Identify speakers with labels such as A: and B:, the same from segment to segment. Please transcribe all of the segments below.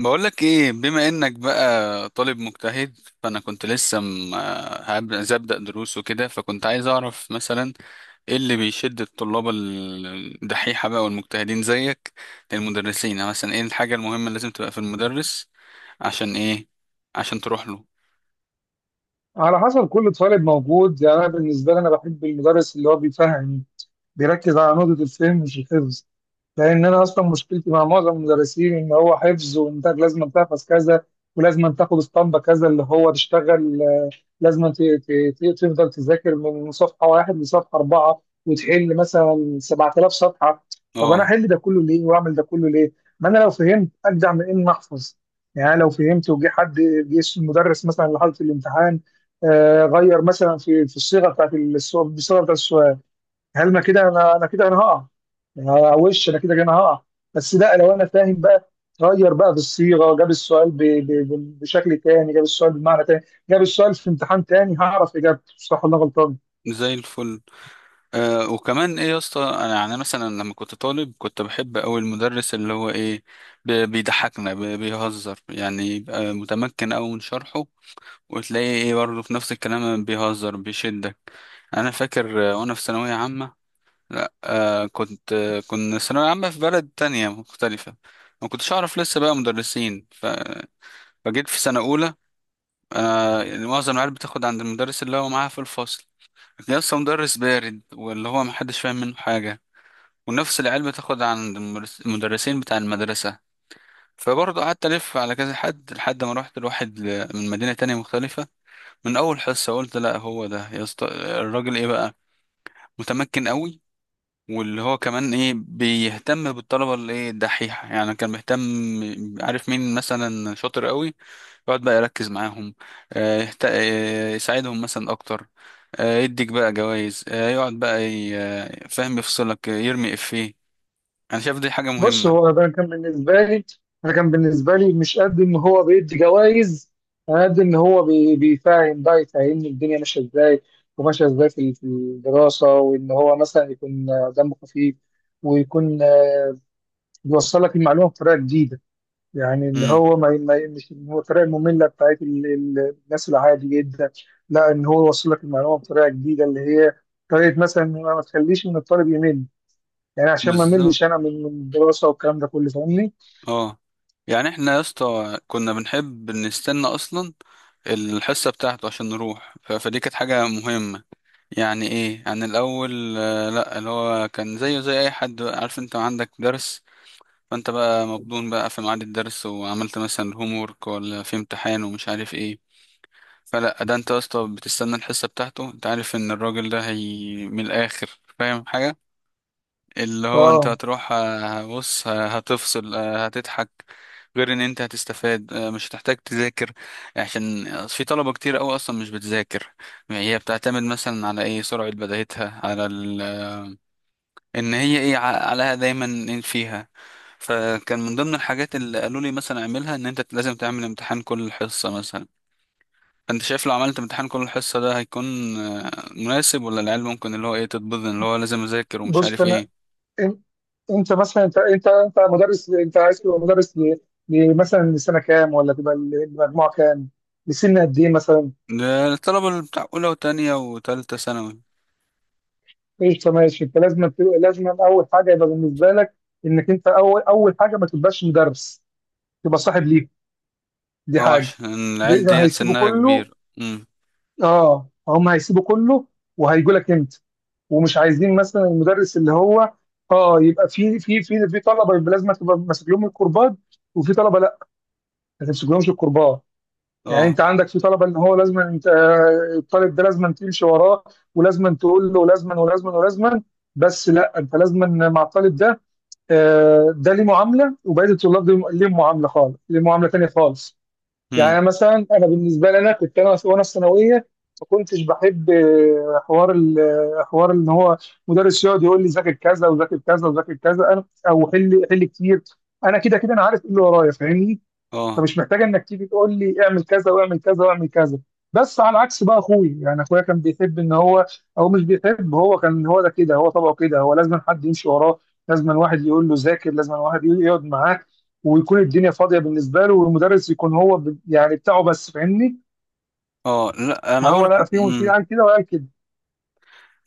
A: بقولك ايه؟ بما انك بقى طالب مجتهد، فانا كنت لسه عايز ابدأ دروس وكده، فكنت عايز اعرف مثلا ايه اللي بيشد الطلاب الدحيحة بقى والمجتهدين زيك للمدرسين. يعني مثلا ايه الحاجة المهمة اللي لازم تبقى في المدرس؟ عشان ايه؟ عشان تروح له.
B: على حسب كل طالب موجود. يعني انا بالنسبه لي انا بحب المدرس اللي هو بيفهم، بيركز على نقطه الفهم مش الحفظ. لان انا اصلا مشكلتي مع معظم المدرسين ان هو حفظ وانت لازم تحفظ كذا ولازم تاخد اسطمبه كذا اللي هو تشتغل. لازم تفضل تذاكر من صفحه واحد لصفحه اربعه وتحل مثلا 7000 صفحه. طب انا
A: اه،
B: احل ده كله ليه واعمل ده كله ليه؟ ما انا لو فهمت اجدع من اني احفظ. يعني أنا لو فهمت وجه حد، جه المدرس مثلا لحاله الامتحان، غير مثلا في الصيغه بتاعت السؤال، هل ما كده انا كده انا هقع؟ انا وش انا كده انا هقع. بس لا، لو انا فاهم بقى، غير بقى في الصيغه، جاب السؤال بشكل تاني، جاب السؤال بمعنى تاني، جاب السؤال في امتحان تاني هعرف اجابته صح ولا غلطان.
A: زي الفل. وكمان ايه يا اسطى، انا يعني مثلا لما كنت طالب كنت بحب اوي المدرس اللي هو ايه، بيضحكنا، بيهزر. يعني يبقى متمكن اوي من شرحه، وتلاقيه ايه برضه في نفس الكلام بيهزر بيشدك. انا فاكر، وانا في ثانويه عامه، لا آه كنت آه كنا ثانويه عامه في بلد تانية مختلفه، ما كنتش اعرف لسه بقى مدرسين فجيت في سنه اولى. انا يعني معظم العيال بتاخد عند المدرس اللي هو معاها في الفصل، لكن لسه مدرس بارد واللي هو محدش فاهم منه حاجه. ونفس العيال بتاخد عند المدرسين بتاع المدرسه. فبرضه قعدت الف على كذا حد لحد ما روحت لواحد من مدينه تانية مختلفه. من اول حصه قلت، لا هو ده يا اسطى الراجل، ايه بقى، متمكن قوي. واللي هو كمان ايه، بيهتم بالطلبه اللي ايه الدحيحه، يعني كان بيهتم. عارف مين مثلا شاطر قوي، يقعد بقى يركز معاهم. آه، يهت... آه، يساعدهم مثلا اكتر. يديك بقى جوائز. آه، يقعد بقى ي... آه، فاهم، يفصلك، يرمي افيه. انا شايف دي حاجه
B: بص
A: مهمه.
B: هو ده كان بالنسبه لي، انا كان بالنسبه لي مش قد ان هو بيدي جوائز، انا قد ان هو بيفهم بقى، يفهمني الدنيا ماشيه ازاي، وماشيه ازاي في الدراسه، وان هو مثلا يكون دمه خفيف، ويكون بيوصل لك المعلومه بطريقه جديده. يعني اللي
A: امم.
B: هو مش إن هو الطريقه الممله بتاعت الناس العادي جدا. لا ان هو يوصل لك المعلومه بطريقه جديده، اللي هي طريقه مثلا إن أنا ما تخليش من الطالب يمل. يعني عشان ما
A: بالظبط.
B: ملش انا من الدراسه والكلام ده كله، فاهمني؟
A: اه. يعني احنا يا اسطى كنا بنحب نستنى اصلا الحصه بتاعته عشان نروح. فدي كانت حاجه مهمه. يعني ايه؟ يعني الاول، لا اللي هو كان زيه زي اي حد بقى. عارف انت عندك درس، فانت بقى مبدون بقى في ميعاد الدرس، وعملت مثلا هوم وورك، ولا في امتحان ومش عارف ايه. فلا، ده انت يا اسطى بتستنى الحصه بتاعته. انت عارف ان الراجل ده، هي من الاخر، فاهم حاجه. اللي هو انت
B: اه.
A: هتروح، بص، هتفصل، هتضحك. غير ان انت هتستفاد، مش هتحتاج تذاكر. عشان في طلبة كتير قوي اصلا مش بتذاكر. يعني هي بتعتمد مثلا على ايه، سرعة بداهتها، على ان هي ايه عليها دايما، إيه فيها. فكان من ضمن الحاجات اللي قالوا لي مثلا اعملها، ان انت لازم تعمل امتحان كل حصة مثلا. انت شايف لو عملت امتحان كل حصة ده هيكون، مناسب؟ ولا العيال ممكن اللي هو ايه تتبضن، اللي هو لازم اذاكر ومش
B: بص
A: عارف
B: انا،
A: ايه.
B: إن- انت مثلا، انت مدرس، انت عايز تبقى مدرس مثلا لسنه كام، ولا تبقى المجموعه كام؟ لسن قد ايه مثلا؟
A: ده الطلبة اللي بتاع أولى وتانية وتالتة ثانوي.
B: ايش، ماشي. انت لازم لازم اول حاجه يبقى بالنسبه لك، انك انت اول حاجه ما تبقاش مدرس، يبقى صاحب ليهم. دي
A: اه
B: حاجه.
A: عشان العيال
B: دي
A: دي
B: هيسيبوا
A: سنها
B: كله.
A: كبير. امم.
B: اه، هم هيسيبوا كله وهيجوا لك انت، ومش عايزين مثلا المدرس اللي هو، اه يبقى في طلبه، يبقى لازم تبقى ماسك لهم الكربات، وفي طلبه لا، ما تمسكلهمش الكربات. يعني
A: اه.
B: انت عندك في طلبه ان هو لازم انت، الطالب ده لازم تمشي وراه، ولازم تقول له لازما ولازما ولازما. بس لا، انت لازما مع الطالب ده، ده ليه معامله، وبقيه الطلاب دي ليهم معامله خالص، ليه معامله تانيه خالص.
A: امم.
B: يعني مثلا انا بالنسبه لي، انا كنت انا وانا في ثانويه، ما كنتش بحب حوار حوار ان هو مدرس يقعد يقول لي ذاكر كذا وذاكر كذا وذاكر كذا، انا، او حل كتير. انا كده كده انا عارف ايه اللي ورايا، فاهمني؟
A: اه.
B: فمش محتاج انك تيجي تقول لي اعمل كذا واعمل كذا واعمل كذا. بس على عكس بقى اخوي، يعني اخويا، كان بيحب ان هو، او مش بيحب، هو كان هو ده كده، هو طبعه كده، هو لازم حد يمشي وراه، لازم واحد يقول له ذاكر، لازم واحد يقعد معاك، ويكون الدنيا فاضيه بالنسبه له، والمدرس يكون هو يعني بتاعه بس، فاهمني؟
A: اه. لا أنا
B: فهو
A: برضه.
B: لا، في
A: امم.
B: قال كده وقال كده.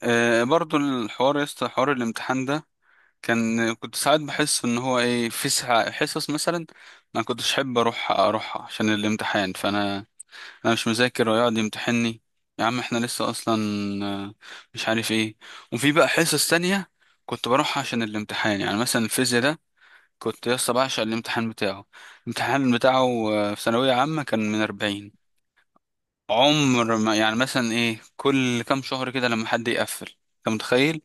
A: برضه الحوار يا اسطى، حوار الامتحان ده، كان كنت ساعات بحس إن هو إيه، في ساعة حصص مثلا ما كنتش أحب أروحها عشان الامتحان. فأنا أنا مش مذاكر ويقعد يمتحني؟ يا عم احنا لسه أصلا، آه، مش عارف إيه. وفي بقى حصص تانية كنت بروحها عشان الامتحان. يعني مثلا الفيزياء ده، كنت يسطا بعشق الامتحان بتاعه. الامتحان بتاعه في ثانوية عامة كان من 40. عمر ما، يعني مثلا إيه كل كام شهر كده لما حد يقفل، أنت متخيل؟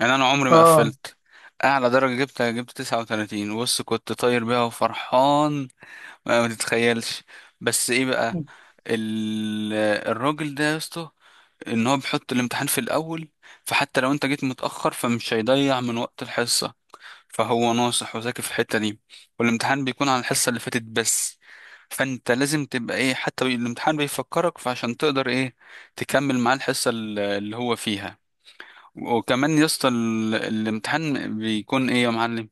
A: يعني أنا عمري ما
B: اه.
A: قفلت. أعلى درجة جبتها، جبت 39. بص، كنت طاير بيها وفرحان، ما تتخيلش. بس إيه بقى، ال... الراجل ده يا اسطى، إن هو بيحط الامتحان في الأول، فحتى لو أنت جيت متأخر فمش هيضيع من وقت الحصة. فهو ناصح وذكي في الحتة دي. والامتحان بيكون على الحصة اللي فاتت بس، فانت لازم تبقى ايه، حتى الامتحان بيفكرك، فعشان تقدر ايه تكمل معاه الحصة اللي هو فيها. وكمان يا اسطى الامتحان بيكون ايه يا معلم،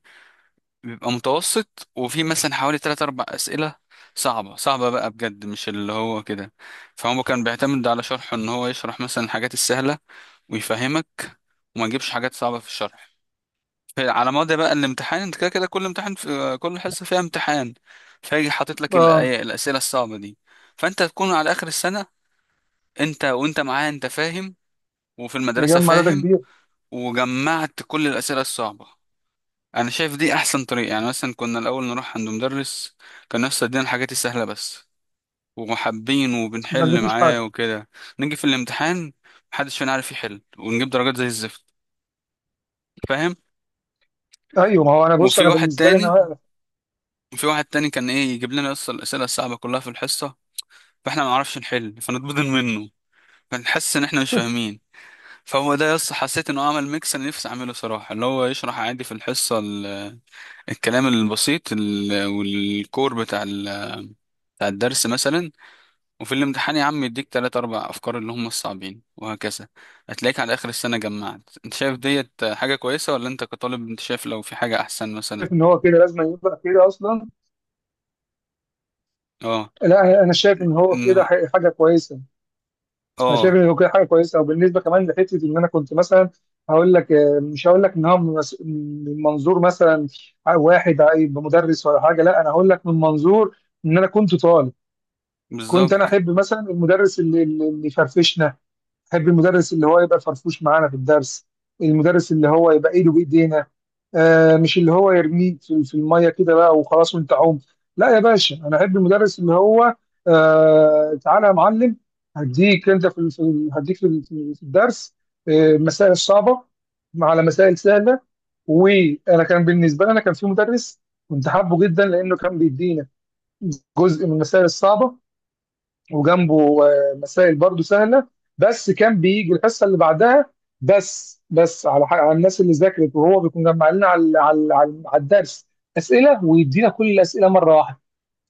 A: بيبقى متوسط، وفي مثلا حوالي 3 4 أسئلة صعبة صعبة بقى بجد، مش اللي هو كده. فهو كان بيعتمد على شرحه ان هو يشرح مثلا الحاجات السهلة ويفهمك، وما يجيبش حاجات صعبة في الشرح. على مدى بقى الامتحان، انت كده كده كل امتحان، في كل حصه فيها امتحان، فيجي حاطط لك
B: اه،
A: الاسئله الصعبه دي. فانت تكون على اخر السنه، انت وانت معاه، انت فاهم، وفي المدرسه
B: مجمع داتا
A: فاهم،
B: كبير.
A: وجمعت كل الاسئله الصعبه. انا شايف دي احسن طريقه. يعني مثلا كنا الاول نروح عند مدرس كان نفسه يدينا الحاجات السهله بس، ومحبين
B: لازم،
A: وبنحل
B: مفيش حد.
A: معاه وكده، نيجي في الامتحان محدش فينا عارف يحل، ونجيب درجات زي الزفت. فاهم؟
B: ايوه، ما هو انا، بص
A: وفي
B: انا
A: واحد
B: بالنسبه لي،
A: تاني،
B: انا
A: كان ايه، يجيب لنا اصلا الاسئله الصعبه كلها في الحصه، فاحنا ما نعرفش نحل، فنتبضن منه، فنحس ان احنا مش فاهمين. فهو ده، يس حسيت انه عمل ميكس انا نفسي اعمله صراحه، اللي هو يشرح عادي في الحصه الكلام البسيط والكور بتاع الدرس مثلا، وفي الامتحان يا عم يديك تلات اربع افكار اللي هم الصعبين، وهكذا. هتلاقيك على اخر السنه جمعت. انت شايف ديت حاجه كويسه، ولا انت كطالب انت شايف لو في حاجه احسن
B: شايف
A: مثلا؟
B: ان هو كده لازم يبقى كده اصلا.
A: اه.
B: لا انا شايف ان هو كده
A: انه.
B: حاجه كويسه. انا شايف
A: اه.
B: ان كده حاجه كويسه. وبالنسبه كمان لحته ان انا كنت مثلا، هقول لك، مش هقول لك ان هو من من منظور مثلا واحد هيبقى مدرس ولا حاجه، لا انا هقول لك من منظور ان انا كنت طالب. كنت انا
A: بالظبط.
B: احب مثلا المدرس اللي يفرفشنا، احب المدرس اللي هو يبقى فرفوش معانا في الدرس، المدرس اللي هو يبقى ايده بايدينا. آه، مش اللي هو يرميك في الميه كده بقى وخلاص وانت عوم. لا يا باشا، انا احب المدرس اللي هو، آه، تعالى يا معلم، هديك انت هديك في الدرس آه مسائل صعبه، على مسائل سهله. وانا كان بالنسبه لي، انا كان في مدرس كنت حابه جدا لانه كان بيدينا جزء من المسائل الصعبه، وجنبه مسائل برضو سهله، بس كان بيجي الحصه اللي بعدها، بس بس على حق، على الناس اللي ذاكرت. وهو بيكون جمع لنا على على الدرس اسئله، ويدينا كل الاسئله مره واحده.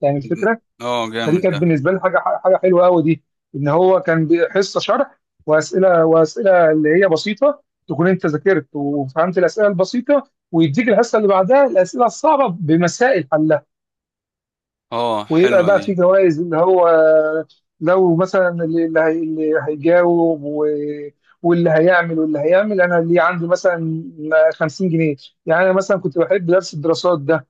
B: يعني الفكره،
A: اه
B: فدي
A: جامد
B: كانت
A: ده.
B: بالنسبه لي حاجه، حاجه حلوه قوي دي. ان هو كان حصه شرح واسئله، واسئله اللي هي بسيطه تكون انت ذاكرت وفهمت الاسئله البسيطه، ويديك الحصه اللي بعدها الاسئله الصعبه بمسائل حلها.
A: اه
B: ويبقى
A: حلوة
B: بقى في
A: دي.
B: جوائز، اللي هو لو مثلا اللي هيجاوب واللي هيعمل، واللي هيعمل انا اللي عندي مثلا 50 جنيه. يعني انا مثلا كنت بحب درس الدراسات ده،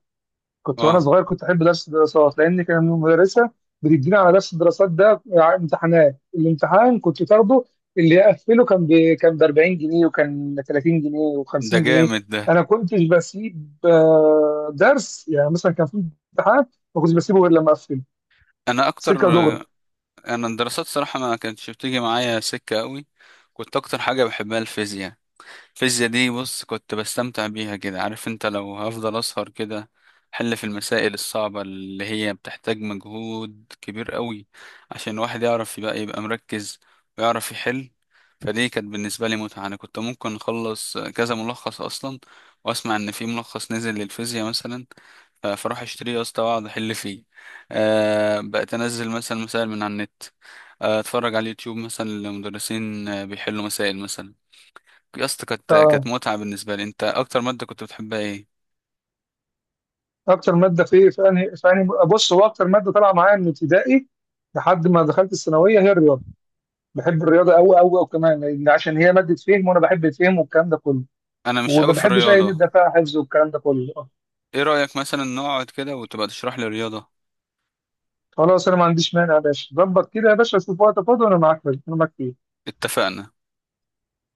B: كنت وانا
A: اه
B: صغير كنت احب درس الدراسات، لان كان المدرسه بتدينا على درس الدراسات ده امتحانات، الامتحان كنت تاخده، اللي يقفله كان كان ب 40 جنيه، وكان 30 جنيه و50
A: ده
B: جنيه.
A: جامد ده.
B: انا كنتش بسيب درس، يعني مثلا كان في امتحان، ما كنتش بسيبه غير لما اقفله،
A: انا اكتر.
B: سكه دغري.
A: انا الدراسات صراحة ما كانتش بتيجي معايا سكة قوي. كنت اكتر حاجة بحبها الفيزياء. الفيزياء دي بص كنت بستمتع بيها كده. عارف انت، لو هفضل اسهر كده حل في المسائل الصعبة اللي هي بتحتاج مجهود كبير قوي عشان الواحد يعرف يبقى مركز ويعرف يحل. فدي كانت بالنسبة لي متعة. أنا كنت ممكن أخلص كذا ملخص أصلا، وأسمع إن في ملخص نزل للفيزياء مثلا، فأروح أشتريه يا اسطى وأقعد أحل فيه. أه بقيت أنزل مثلا مسائل من على النت، أتفرج على اليوتيوب مثلا لمدرسين بيحلوا مسائل مثلا. يا اسطى كانت
B: اه،
A: متعة بالنسبة لي. انت اكتر مادة كنت بتحبها ايه؟
B: اكتر ماده في ايه، في انهي بص، هو اكتر ماده طالعه معايا من ابتدائي لحد ما دخلت الثانويه هي الرياضه. بحب الرياضه قوي قوي قوي، كمان لان عشان هي ماده فهم وانا بحب الفهم والكلام ده كله،
A: انا مش
B: وما
A: قوي في
B: بحبش اي
A: الرياضة.
B: ندى فيها حفظ والكلام ده كله آه.
A: ايه رأيك مثلا نقعد كده وتبقى تشرح لي الرياضة؟
B: خلاص، انا ما عنديش مانع يا باشا، ظبط كده يا باشا، شوف وقت فاضي وانا معاك، انا معاك فيه.
A: اتفقنا.